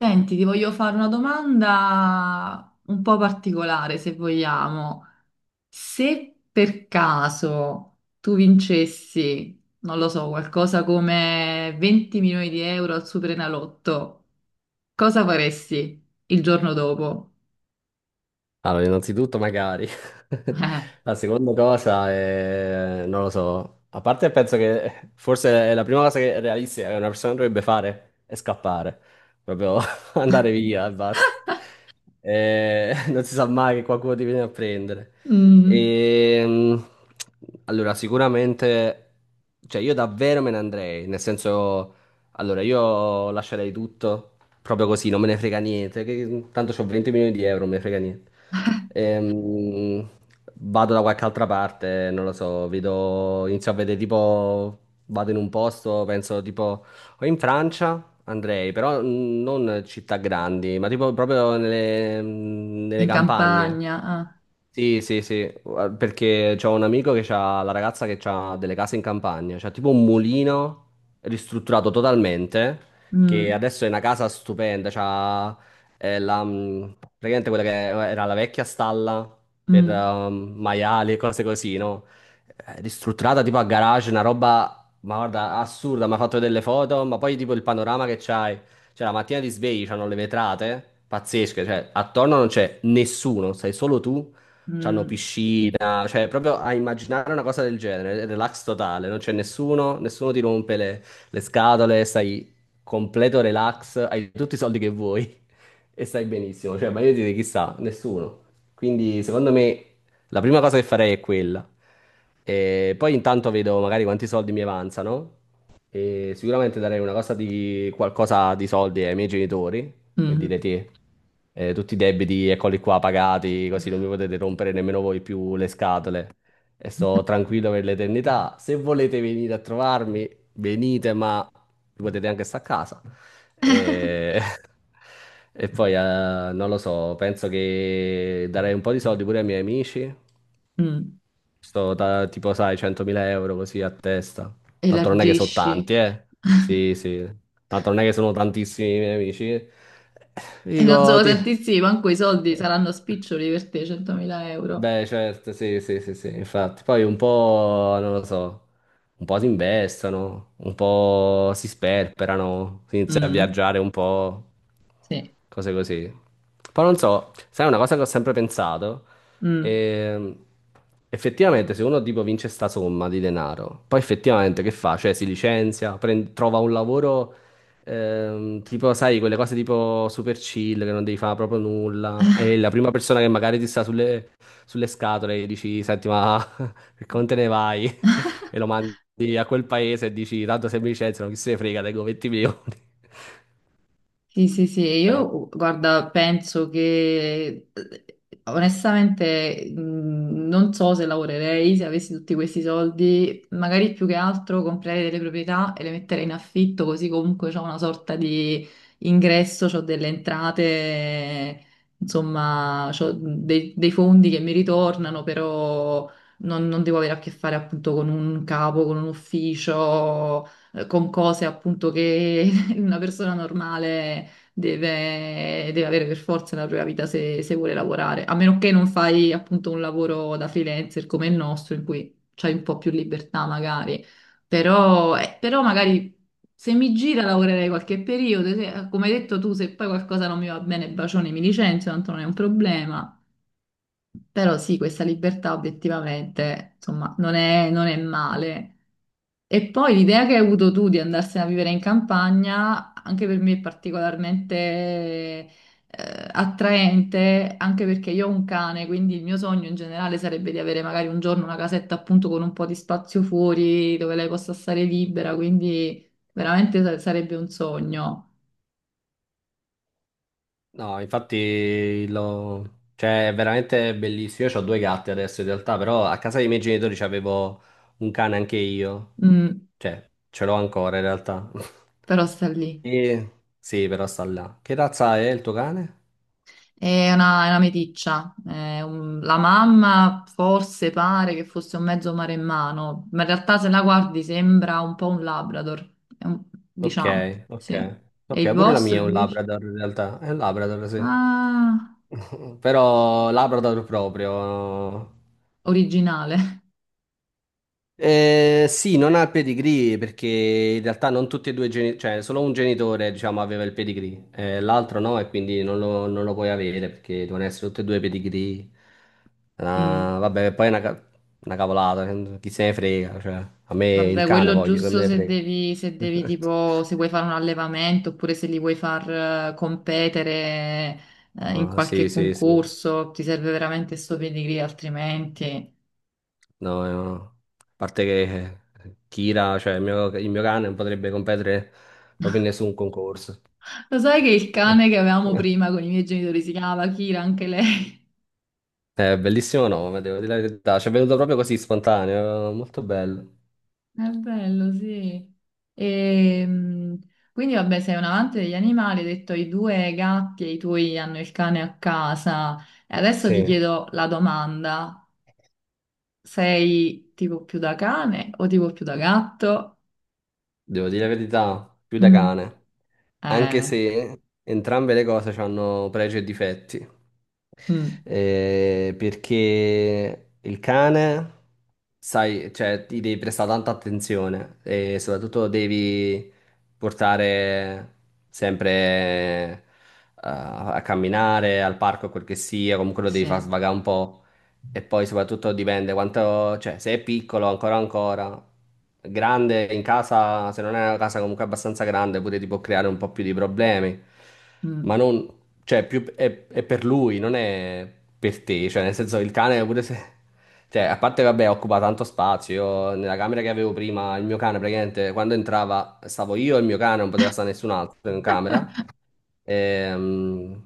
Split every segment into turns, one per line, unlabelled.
Senti, ti voglio fare una domanda un po' particolare, se vogliamo. Se per caso tu vincessi, non lo so, qualcosa come 20 milioni di euro al Superenalotto, cosa faresti il giorno dopo?
Allora, innanzitutto magari. La seconda cosa è, non lo so, a parte penso che forse è la prima cosa che è realistica che una persona dovrebbe fare è scappare, proprio andare via e basta. Non si sa mai che qualcuno ti viene a prendere.
Eh, mm,
Ehm, allora, sicuramente, cioè io davvero me ne andrei, nel senso, allora io lascerei tutto proprio così, non me ne frega niente, tanto ho 20 milioni di euro, non me ne frega niente. Ehm, vado da qualche altra parte, non lo so, vedo, inizio a vedere tipo, vado in un posto, penso tipo. O in Francia andrei, però non città grandi, ma tipo proprio nelle
in
campagne.
campagna? Ah,
Sì, sì, sì, perché c'ho un amico che ha la ragazza che ha delle case in campagna, c'ha tipo un mulino ristrutturato totalmente, che
mm,
adesso è una casa stupenda, c'ha praticamente quella che era la vecchia stalla per
mm,
maiali e cose così, no? Ristrutturata tipo a garage, una roba ma guarda, assurda, mi ha fatto delle foto, ma poi tipo il panorama che c'hai, cioè la mattina ti svegli, c'hanno le vetrate, pazzesche, cioè attorno non c'è nessuno, sei solo tu, c'hanno
mm,
piscina, cioè proprio a immaginare una cosa del genere, è relax totale, non c'è nessuno, nessuno ti rompe le scatole, stai completo relax, hai tutti i soldi che vuoi e stai benissimo, cioè ma io direi chissà, nessuno. Quindi secondo me la prima cosa che farei è quella. E poi intanto vedo magari quanti soldi mi avanzano e sicuramente darei una cosa di qualcosa di soldi ai miei genitori, per dire
mm,
te, tutti i debiti eccoli qua pagati, così non mi potete rompere nemmeno voi più le scatole e sto tranquillo per l'eternità. Se volete venire a trovarmi, venite, ma potete anche stare a casa. E, e poi non lo so, penso che darei un po' di soldi pure ai miei amici.
mm.
Sto da, tipo, sai, 100.000 € così a testa. Tanto non è che sono
Elargisci?
tanti, eh. Sì, sì. Tanto non è che sono tantissimi i miei amici.
E non
Dico,
sono
ti.
tantissimi, manco i soldi saranno spiccioli per te, 100.000 euro.
Beh, certo, sì, sì, sì, sì, infatti. Poi un po', non lo so, un po' si investono, un po' si sperperano, si inizia a
Mm,
viaggiare un po',
sì.
cose così. Poi non so, sai una cosa che ho sempre pensato?
Mm.
Ehm, effettivamente se uno tipo vince sta somma di denaro, poi effettivamente che fa? Cioè si licenzia, trova un lavoro. Tipo, sai, quelle cose tipo super chill che non devi fare proprio nulla. E la prima persona che magari ti sta sulle scatole e dici, senti, ma per come te ne vai? E lo mandi a quel paese e dici, tanto se mi licenziano, chi se ne frega, tengo 20 milioni.
Sì, sì, sì, e
Cioè,
io guarda, penso che onestamente non so se lavorerei se avessi tutti questi soldi, magari più che altro comprerei delle proprietà e le metterei in affitto, così comunque ho una sorta di ingresso, ho delle entrate, insomma, ho dei fondi che mi ritornano, però non devo avere a che fare appunto con un capo, con un ufficio, con cose appunto che una persona normale deve avere per forza una propria vita se, se vuole lavorare, a meno che non fai appunto un lavoro da freelancer come il nostro, in cui c'hai un po' più libertà magari, però, però magari se mi gira lavorerei qualche periodo, come hai detto tu, se poi qualcosa non mi va bene, bacione, mi licenzio, tanto non è un problema, però sì, questa libertà obiettivamente, insomma, non è male. E poi l'idea che hai avuto tu di andarsene a vivere in campagna, anche per me è particolarmente attraente, anche perché io ho un cane, quindi il mio sogno in generale sarebbe di avere magari un giorno una casetta appunto con un po' di spazio fuori dove lei possa stare libera, quindi veramente sarebbe un sogno.
no, infatti cioè, è veramente bellissimo. Io ho due gatti adesso in realtà, però a casa dei miei genitori c'avevo un cane anche io.
Mm,
Cioè, ce l'ho ancora in realtà.
però sta lì.
E... Sì, però sta là. Che razza è il tuo cane?
È una meticcia. La mamma forse pare che fosse un mezzo maremmano, ma in realtà se la guardi sembra un po' un Labrador.
Ok,
Diciamo,
ok.
sì. E
Ok,
il
pure la
vostro
mia è un
invece?
Labrador in realtà. È un Labrador, sì.
Ah,
Però Labrador proprio.
originale.
Sì, non ha il pedigree perché in realtà non tutti e due i genitori, cioè solo un genitore, diciamo, aveva il pedigree, l'altro no, e quindi non lo puoi avere perché devono essere tutti e due pedigree. Ah,
Mm.
vabbè, poi è una cavolata, chi se ne frega, cioè, a me il
Vabbè,
cane
quello
voglio, che me
giusto
ne
se
frega.
devi, se vuoi fare un allevamento oppure se li vuoi far competere in
Ah, sì,
qualche
sì, sì.
concorso, ti serve veramente sto pedigree, altrimenti...
No, no. A parte che Kira, cioè il mio cane, non potrebbe competere proprio in nessun concorso.
Lo sai che il cane che avevamo prima con i miei genitori si chiamava Kira, anche lei?
È bellissimo nome, devo dire la verità. Ci è venuto proprio così spontaneo, molto bello.
È bello, sì. Ehm, quindi vabbè, sei un amante degli animali, hai detto i due gatti e i tuoi hanno il cane a casa. E adesso ti
Sì,
chiedo la domanda, sei tipo più da cane o tipo più da gatto?
devo dire la verità, più da
Mm,
cane. Anche
eh,
se entrambe le cose hanno pregi e difetti.
mm,
Perché il cane, sai, cioè, ti devi prestare tanta attenzione e soprattutto devi portare sempre a camminare, al parco, quel che sia, comunque lo devi far
sì,
svagare un po'. E poi soprattutto dipende quanto, cioè, se è piccolo ancora ancora, grande in casa, se non è una casa comunque abbastanza grande, pure ti può creare un po' più di problemi.
mm,
Ma non, cioè, più, è per lui, non è per te. Cioè, nel senso, il cane pure se. Cioè, a parte, vabbè, occupa tanto spazio. Io, nella camera che avevo prima, il mio cane, praticamente, quando entrava, stavo io e il mio cane, non poteva stare nessun altro in camera. Ehm,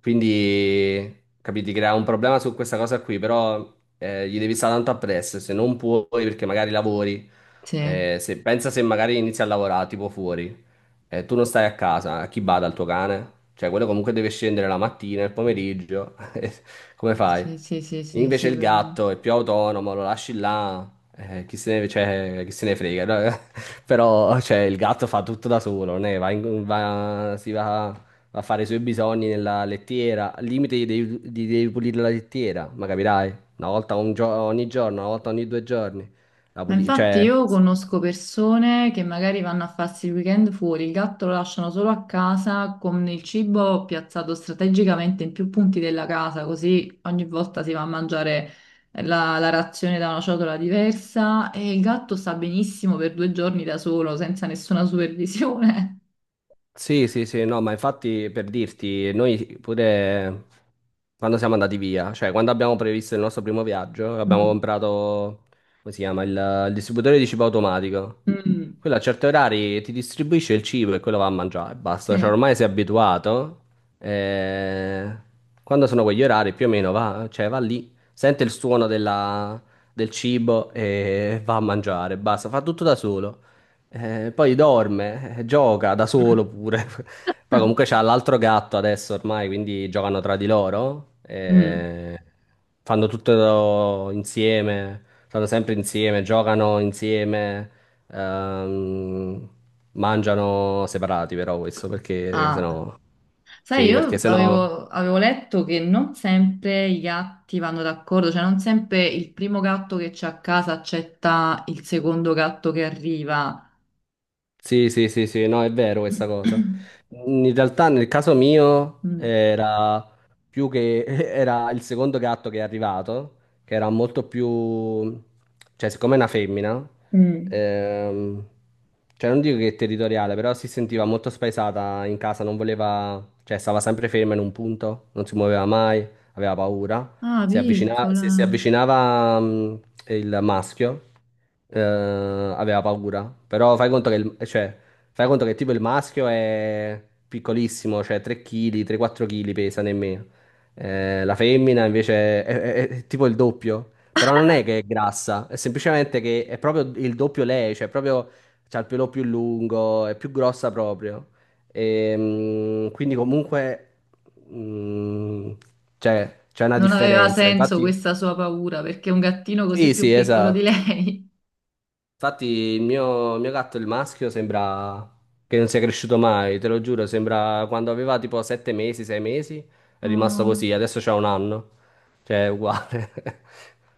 quindi, capiti, crea un problema su questa cosa qui, però gli devi stare tanto appresso, se non puoi perché magari lavori,
sì,
pensa se magari inizi a lavorare tipo fuori, tu non stai a casa, a chi bada il tuo cane? Cioè, quello comunque deve scendere la mattina, il pomeriggio, come fai?
sì, sì, sì, sì,
Invece il gatto
sicuramente.
è più autonomo, lo lasci là, chi se ne, cioè, chi se ne frega, no? Però cioè, il gatto fa tutto da solo, ne va in- va- si va va a fare i suoi bisogni nella lettiera. Al limite gli devi pulire la lettiera, ma capirai? Una volta ogni giorno, una volta ogni 2 giorni.
Ma infatti
Cioè.
io conosco persone che magari vanno a farsi il weekend fuori, il gatto lo lasciano solo a casa con il cibo piazzato strategicamente in più punti della casa, così ogni volta si va a mangiare la razione da una ciotola diversa e il gatto sta benissimo per due giorni da solo, senza nessuna supervisione.
Sì, sì, sì, no, ma infatti per dirti, noi pure quando siamo andati via, cioè quando abbiamo previsto il nostro primo viaggio, abbiamo
Mm.
comprato, come si chiama, il, distributore di cibo automatico.
Mm.
Quello a certi orari ti distribuisce il cibo e quello va a mangiare, basta, cioè
Sì.
ormai sei abituato. eh, Quando sono quegli orari più o meno va, cioè va lì, sente il suono del cibo e va a mangiare, basta, fa tutto da solo. Poi dorme, gioca da solo pure. Poi comunque c'ha l'altro gatto adesso ormai, quindi giocano tra di loro.
Mm.
Fanno tutto insieme, stanno sempre insieme, giocano insieme, ehm, mangiano separati però questo perché
Ah.
sennò.
Sai,
Sì, perché sennò.
avevo letto che non sempre i gatti vanno d'accordo, cioè non sempre il primo gatto che c'è a casa accetta il secondo gatto che arriva.
Sì, sì, sì, sì, no, è vero questa cosa. In realtà nel caso mio
Mm.
era più che era il secondo gatto che è arrivato, che era molto più, cioè, siccome è una femmina,
Mm.
ehm, cioè non dico che è territoriale, però si sentiva molto spaesata in casa, non voleva, cioè stava sempre ferma in un punto, non si muoveva mai, aveva paura.
Ah,
Se si
piccola.
avvicinava il maschio, aveva paura. Però fai conto che, cioè, fai conto che tipo il maschio è piccolissimo, cioè 3 kg, 3-4 kg pesa nemmeno. La femmina invece è tipo il doppio. Però non è che è grassa, è semplicemente che è proprio il doppio lei, cioè proprio c'ha il pelo più lungo, è più grossa proprio. Quindi comunque mh, c'è una
Non aveva
differenza.
senso
Infatti,
questa sua paura perché è un gattino così
sì,
più
sì,
piccolo di
esatto.
lei.
Infatti il mio gatto, il maschio, sembra che non sia cresciuto mai, te lo giuro, sembra quando aveva tipo 7 mesi, 6 mesi, è rimasto così,
Oh.
adesso c'ha un anno, cioè è uguale.